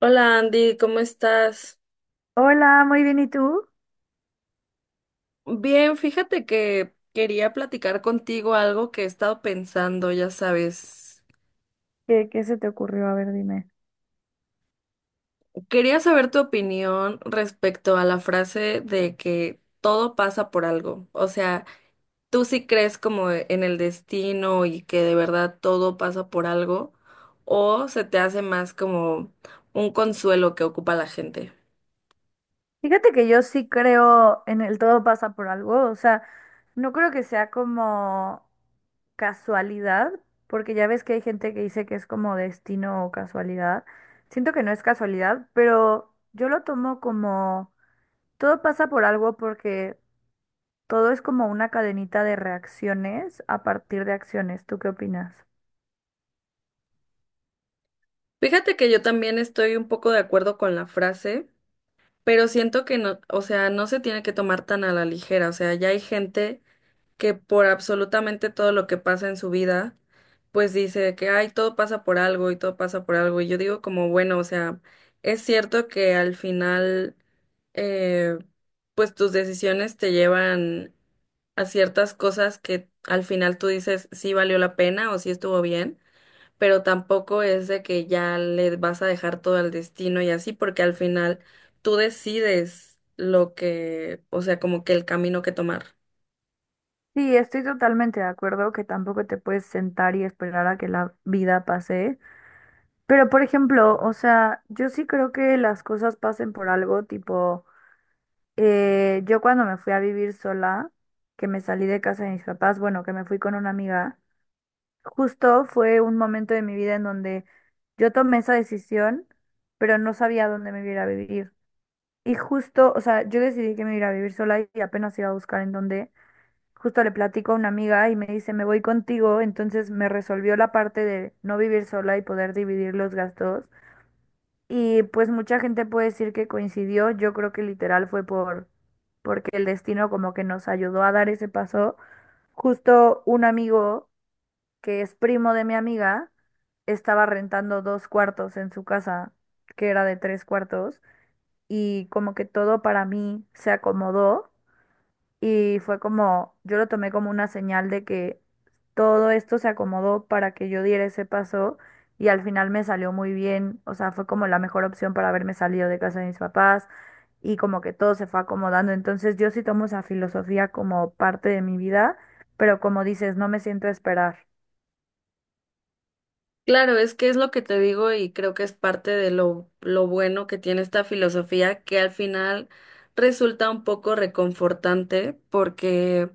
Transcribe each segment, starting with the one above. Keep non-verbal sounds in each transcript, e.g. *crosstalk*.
Hola Andy, ¿cómo estás? Hola, muy bien. ¿Y tú? Bien, fíjate que quería platicar contigo algo que he estado pensando, ya sabes. ¿¿Qué se te ocurrió? A ver, dime. Quería saber tu opinión respecto a la frase de que todo pasa por algo. O sea, ¿tú sí crees como en el destino y que de verdad todo pasa por algo? ¿O se te hace más como un consuelo que ocupa la gente? Fíjate que yo sí creo en el todo pasa por algo. O sea, no creo que sea como casualidad, porque ya ves que hay gente que dice que es como destino o casualidad. Siento que no es casualidad, pero yo lo tomo como todo pasa por algo porque todo es como una cadenita de reacciones a partir de acciones. ¿Tú qué opinas? Fíjate que yo también estoy un poco de acuerdo con la frase. Pero siento que no, o sea, no se tiene que tomar tan a la ligera, o sea, ya hay gente que por absolutamente todo lo que pasa en su vida, pues dice que, ay, todo pasa por algo y todo pasa por algo. Y yo digo como, bueno, o sea, es cierto que al final, eh, pues tus decisiones te llevan a ciertas cosas que al final tú dices si valió la pena o si estuvo bien, pero tampoco es de que ya le vas a dejar todo al destino y así, porque al final tú decides lo que, o sea, como que el camino que tomar. Sí, estoy totalmente de acuerdo que tampoco te puedes sentar y esperar a que la vida pase. Pero, por ejemplo, o sea, yo sí creo que las cosas pasen por algo, tipo, yo cuando me fui a vivir sola, que me salí de casa de mis papás, bueno, que me fui con una amiga, justo fue un momento de mi vida en donde yo tomé esa decisión, pero no sabía dónde me iba a ir a vivir. Y justo, o sea, yo decidí que me iba a ir a vivir sola y apenas iba a buscar en dónde. Justo le platico a una amiga y me dice, me voy contigo, entonces me resolvió la parte de no vivir sola y poder dividir los gastos. Y pues mucha gente puede decir que coincidió, yo creo que literal fue porque el destino como que nos ayudó a dar ese paso. Justo un amigo que es primo de mi amiga estaba rentando dos cuartos en su casa, que era de tres cuartos, y como que todo para mí se acomodó y fue como, yo lo tomé como una señal de que todo esto se acomodó para que yo diera ese paso y al final me salió muy bien, o sea, fue como la mejor opción para haberme salido de casa de mis papás y como que todo se fue acomodando. Entonces yo sí tomo esa filosofía como parte de mi vida, pero como dices, no me siento a esperar. Claro, es que es lo que te digo y creo que es parte de lo bueno que tiene esta filosofía, que al final resulta un poco reconfortante porque,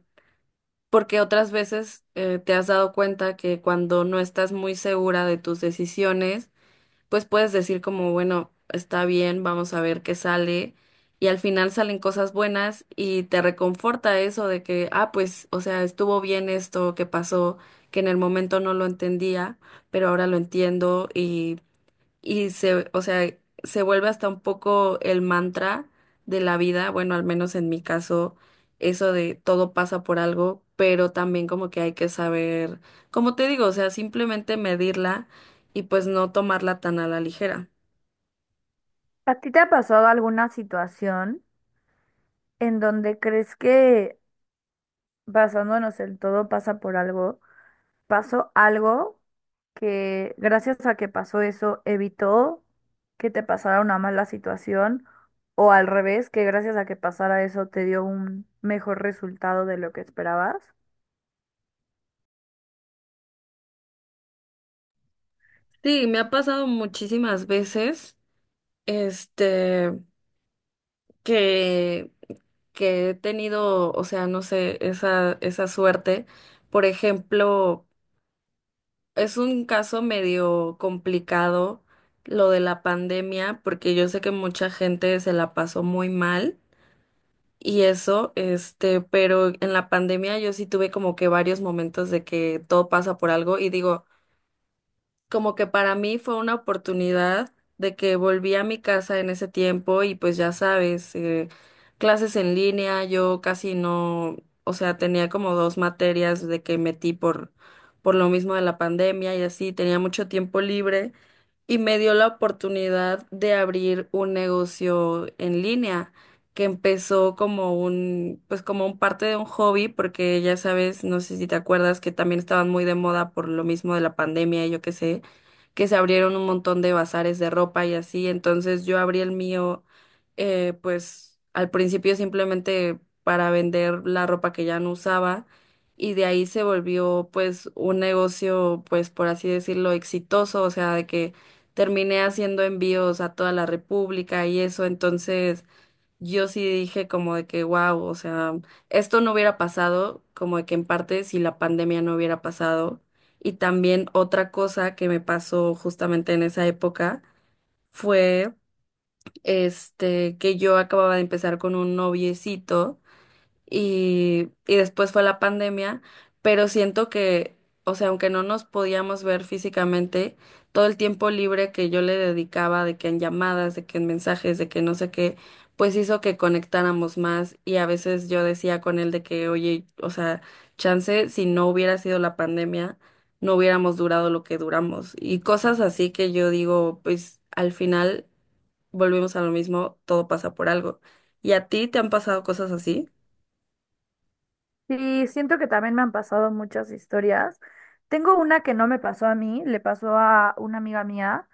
porque otras veces te has dado cuenta que cuando no estás muy segura de tus decisiones, pues puedes decir como, bueno, está bien, vamos a ver qué sale. Y al final salen cosas buenas y te reconforta eso de que, ah, pues, o sea, estuvo bien esto que pasó, que en el momento no lo entendía, pero ahora lo entiendo y o sea, se vuelve hasta un poco el mantra de la vida, bueno, al menos en mi caso, eso de todo pasa por algo, pero también como que hay que saber, como te digo, o sea, simplemente medirla y pues no tomarla tan a la ligera. ¿A ti te ha pasado alguna situación en donde crees que basándonos en todo pasa por algo? Pasó algo que gracias a que pasó eso evitó que te pasara una mala situación o al revés, que gracias a que pasara eso te dio un mejor resultado de lo que esperabas. Sí, me ha pasado muchísimas veces, este, que, que he tenido, o sea, no sé, esa suerte. Por ejemplo, es un caso medio complicado lo de la pandemia, porque yo sé que mucha gente se la pasó muy mal y eso, pero en la pandemia yo sí tuve como que varios momentos de que todo pasa por algo y digo, como que para mí fue una oportunidad de que volví a mi casa en ese tiempo y pues ya sabes, clases en línea, yo casi no, o sea, tenía como dos materias de que metí por lo mismo de la pandemia y así, tenía mucho tiempo libre y me dio la oportunidad de abrir un negocio en línea que empezó como un, pues como un parte de un hobby, porque ya sabes, no sé si te acuerdas que también estaban muy de moda por lo mismo de la pandemia, y yo qué sé, que se abrieron un montón de bazares de ropa y así, entonces yo abrí el mío, pues al principio simplemente para vender la ropa que ya no usaba. Y de ahí se volvió pues un negocio, pues por así decirlo, exitoso, o sea, de que terminé haciendo envíos a toda la República y eso, entonces yo sí dije como de que, wow, o sea, esto no hubiera pasado, como de que en parte si la pandemia no hubiera pasado. Y también otra cosa que me pasó justamente en esa época fue, que yo acababa de empezar con un noviecito y después fue la pandemia, pero siento que, o sea, aunque no nos podíamos ver físicamente, todo el tiempo libre que yo le dedicaba, de que en llamadas, de que en mensajes, de que no sé qué, pues hizo que conectáramos más y a veces yo decía con él de que, oye, o sea, chance, si no hubiera sido la pandemia, no hubiéramos durado lo que duramos y cosas así que yo digo, pues al final volvemos a lo mismo, todo pasa por algo. ¿Y a ti te han pasado cosas así? Sí, siento que también me han pasado muchas historias. Tengo una que no me pasó a mí, le pasó a una amiga mía,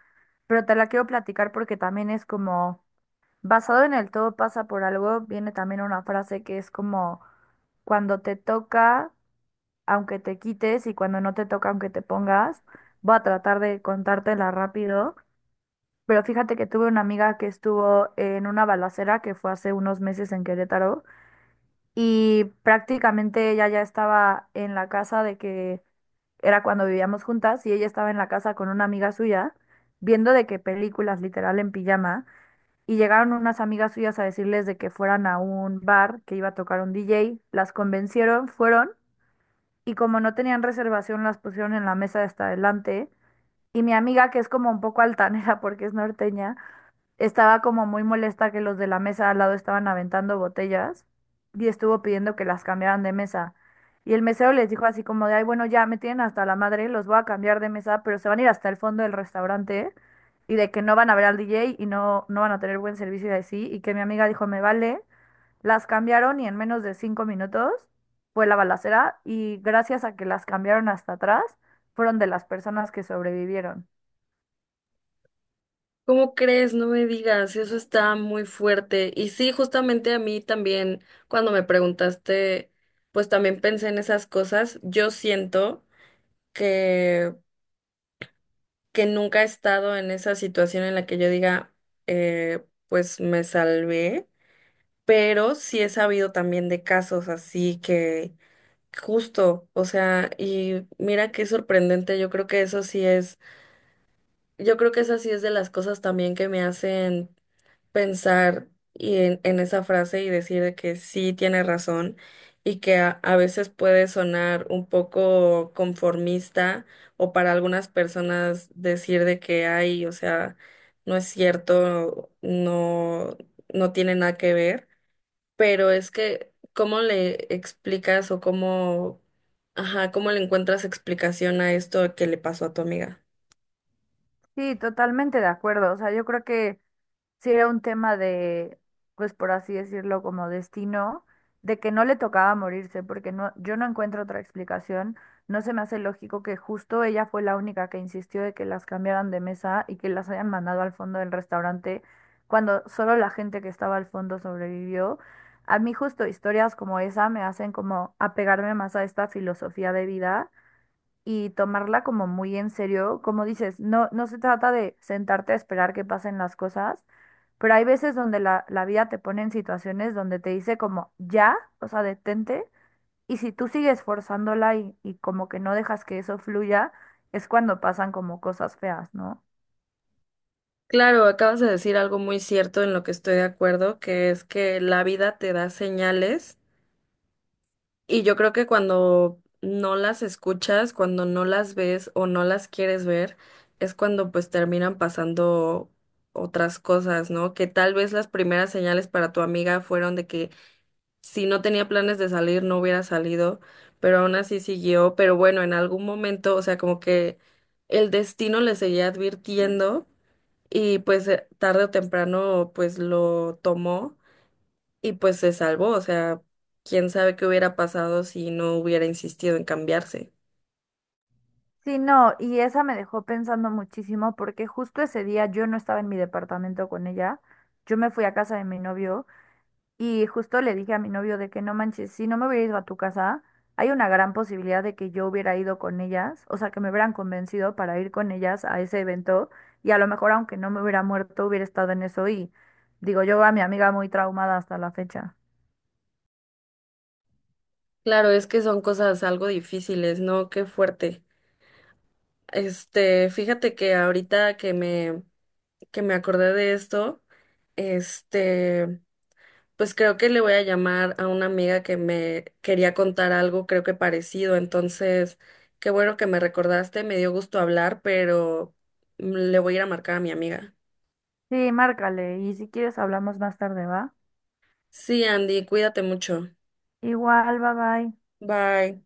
pero te la quiero platicar porque también es como, basado en el todo pasa por algo, viene también una frase que es como, cuando te toca aunque te quites y cuando no te toca, aunque te pongas, voy a tratar de contártela rápido. Pero fíjate que tuve una amiga que estuvo en una balacera que fue hace unos meses en Querétaro y prácticamente ella ya estaba en la casa de que era cuando vivíamos juntas y ella estaba en la casa con una amiga suya viendo de qué películas literal en pijama y llegaron unas amigas suyas a decirles de que fueran a un bar que iba a tocar un DJ, las convencieron, fueron y como no tenían reservación las pusieron en la mesa de hasta adelante. Y mi amiga, que es como un poco altanera *laughs* porque es norteña, estaba como muy molesta que los de la mesa al lado estaban aventando botellas y estuvo pidiendo que las cambiaran de mesa. Y el mesero les dijo así como de, ay, bueno, ya me tienen hasta la madre, los voy a cambiar de mesa, pero se van a ir hasta el fondo del restaurante y de que no van a ver al DJ y no, no van a tener buen servicio y así. Y que mi amiga dijo, me vale. Las cambiaron y en menos de 5 minutos fue la balacera y gracias a que las cambiaron hasta atrás, fueron de las personas que sobrevivieron. ¿Cómo crees? No me digas, eso está muy fuerte. Y sí, justamente a mí también, cuando me preguntaste, pues también pensé en esas cosas. Yo siento que, que nunca he estado en esa situación en la que yo diga, eh, pues me salvé, pero sí he sabido también de casos así que justo, o sea, y mira qué sorprendente, yo creo que eso sí es, yo creo que esa sí es de las cosas también que me hacen pensar y en esa frase y decir de que sí tiene razón y que a veces puede sonar un poco conformista o para algunas personas decir de que hay, o sea, no es cierto, no, no tiene nada que ver, pero es que ¿cómo le explicas o cómo, ajá, cómo le encuentras explicación a esto que le pasó a tu amiga? Sí, totalmente de acuerdo. O sea, yo creo que sí era un tema de, pues por así decirlo, como destino, de que no le tocaba morirse, porque no, yo no encuentro otra explicación. No se me hace lógico que justo ella fue la única que insistió de que las cambiaran de mesa y que las hayan mandado al fondo del restaurante, cuando solo la gente que estaba al fondo sobrevivió. A mí justo historias como esa me hacen como apegarme más a esta filosofía de vida y tomarla como muy en serio. Como dices, no, no se trata de sentarte a esperar que pasen las cosas, pero hay veces donde la vida te pone en situaciones donde te dice como ya, o sea, detente, y si tú sigues forzándola y como que no dejas que eso fluya, es cuando pasan como cosas feas, ¿no? Claro, acabas de decir algo muy cierto en lo que estoy de acuerdo, que es que la vida te da señales y yo creo que cuando no las escuchas, cuando no las ves o no las quieres ver, es cuando pues terminan pasando otras cosas, ¿no? Que tal vez las primeras señales para tu amiga fueron de que si no tenía planes de salir, no hubiera salido, pero aún así siguió, pero bueno, en algún momento, o sea, como que el destino le seguía advirtiendo y pues tarde o temprano pues lo tomó y pues se salvó, o sea, quién sabe qué hubiera pasado si no hubiera insistido en cambiarse. Sí, no, y esa me dejó pensando muchísimo porque justo ese día yo no estaba en mi departamento con ella, yo me fui a casa de mi novio. Y justo le dije a mi novio de que no manches, si no me hubiera ido a tu casa, hay una gran posibilidad de que yo hubiera ido con ellas, o sea, que me hubieran convencido para ir con ellas a ese evento y a lo mejor aunque no me hubiera muerto, hubiera estado en eso y digo yo a mi amiga muy traumada hasta la fecha. Claro, es que son cosas algo difíciles, ¿no? Qué fuerte. Fíjate que ahorita que me acordé de esto, este pues creo que le voy a llamar a una amiga que me quería contar algo, creo que parecido. Entonces, qué bueno que me recordaste, me dio gusto hablar, pero le voy a ir a marcar a mi amiga. Sí, márcale y si quieres hablamos más tarde, ¿va? Sí, Andy, cuídate mucho. Igual, bye bye. Bye.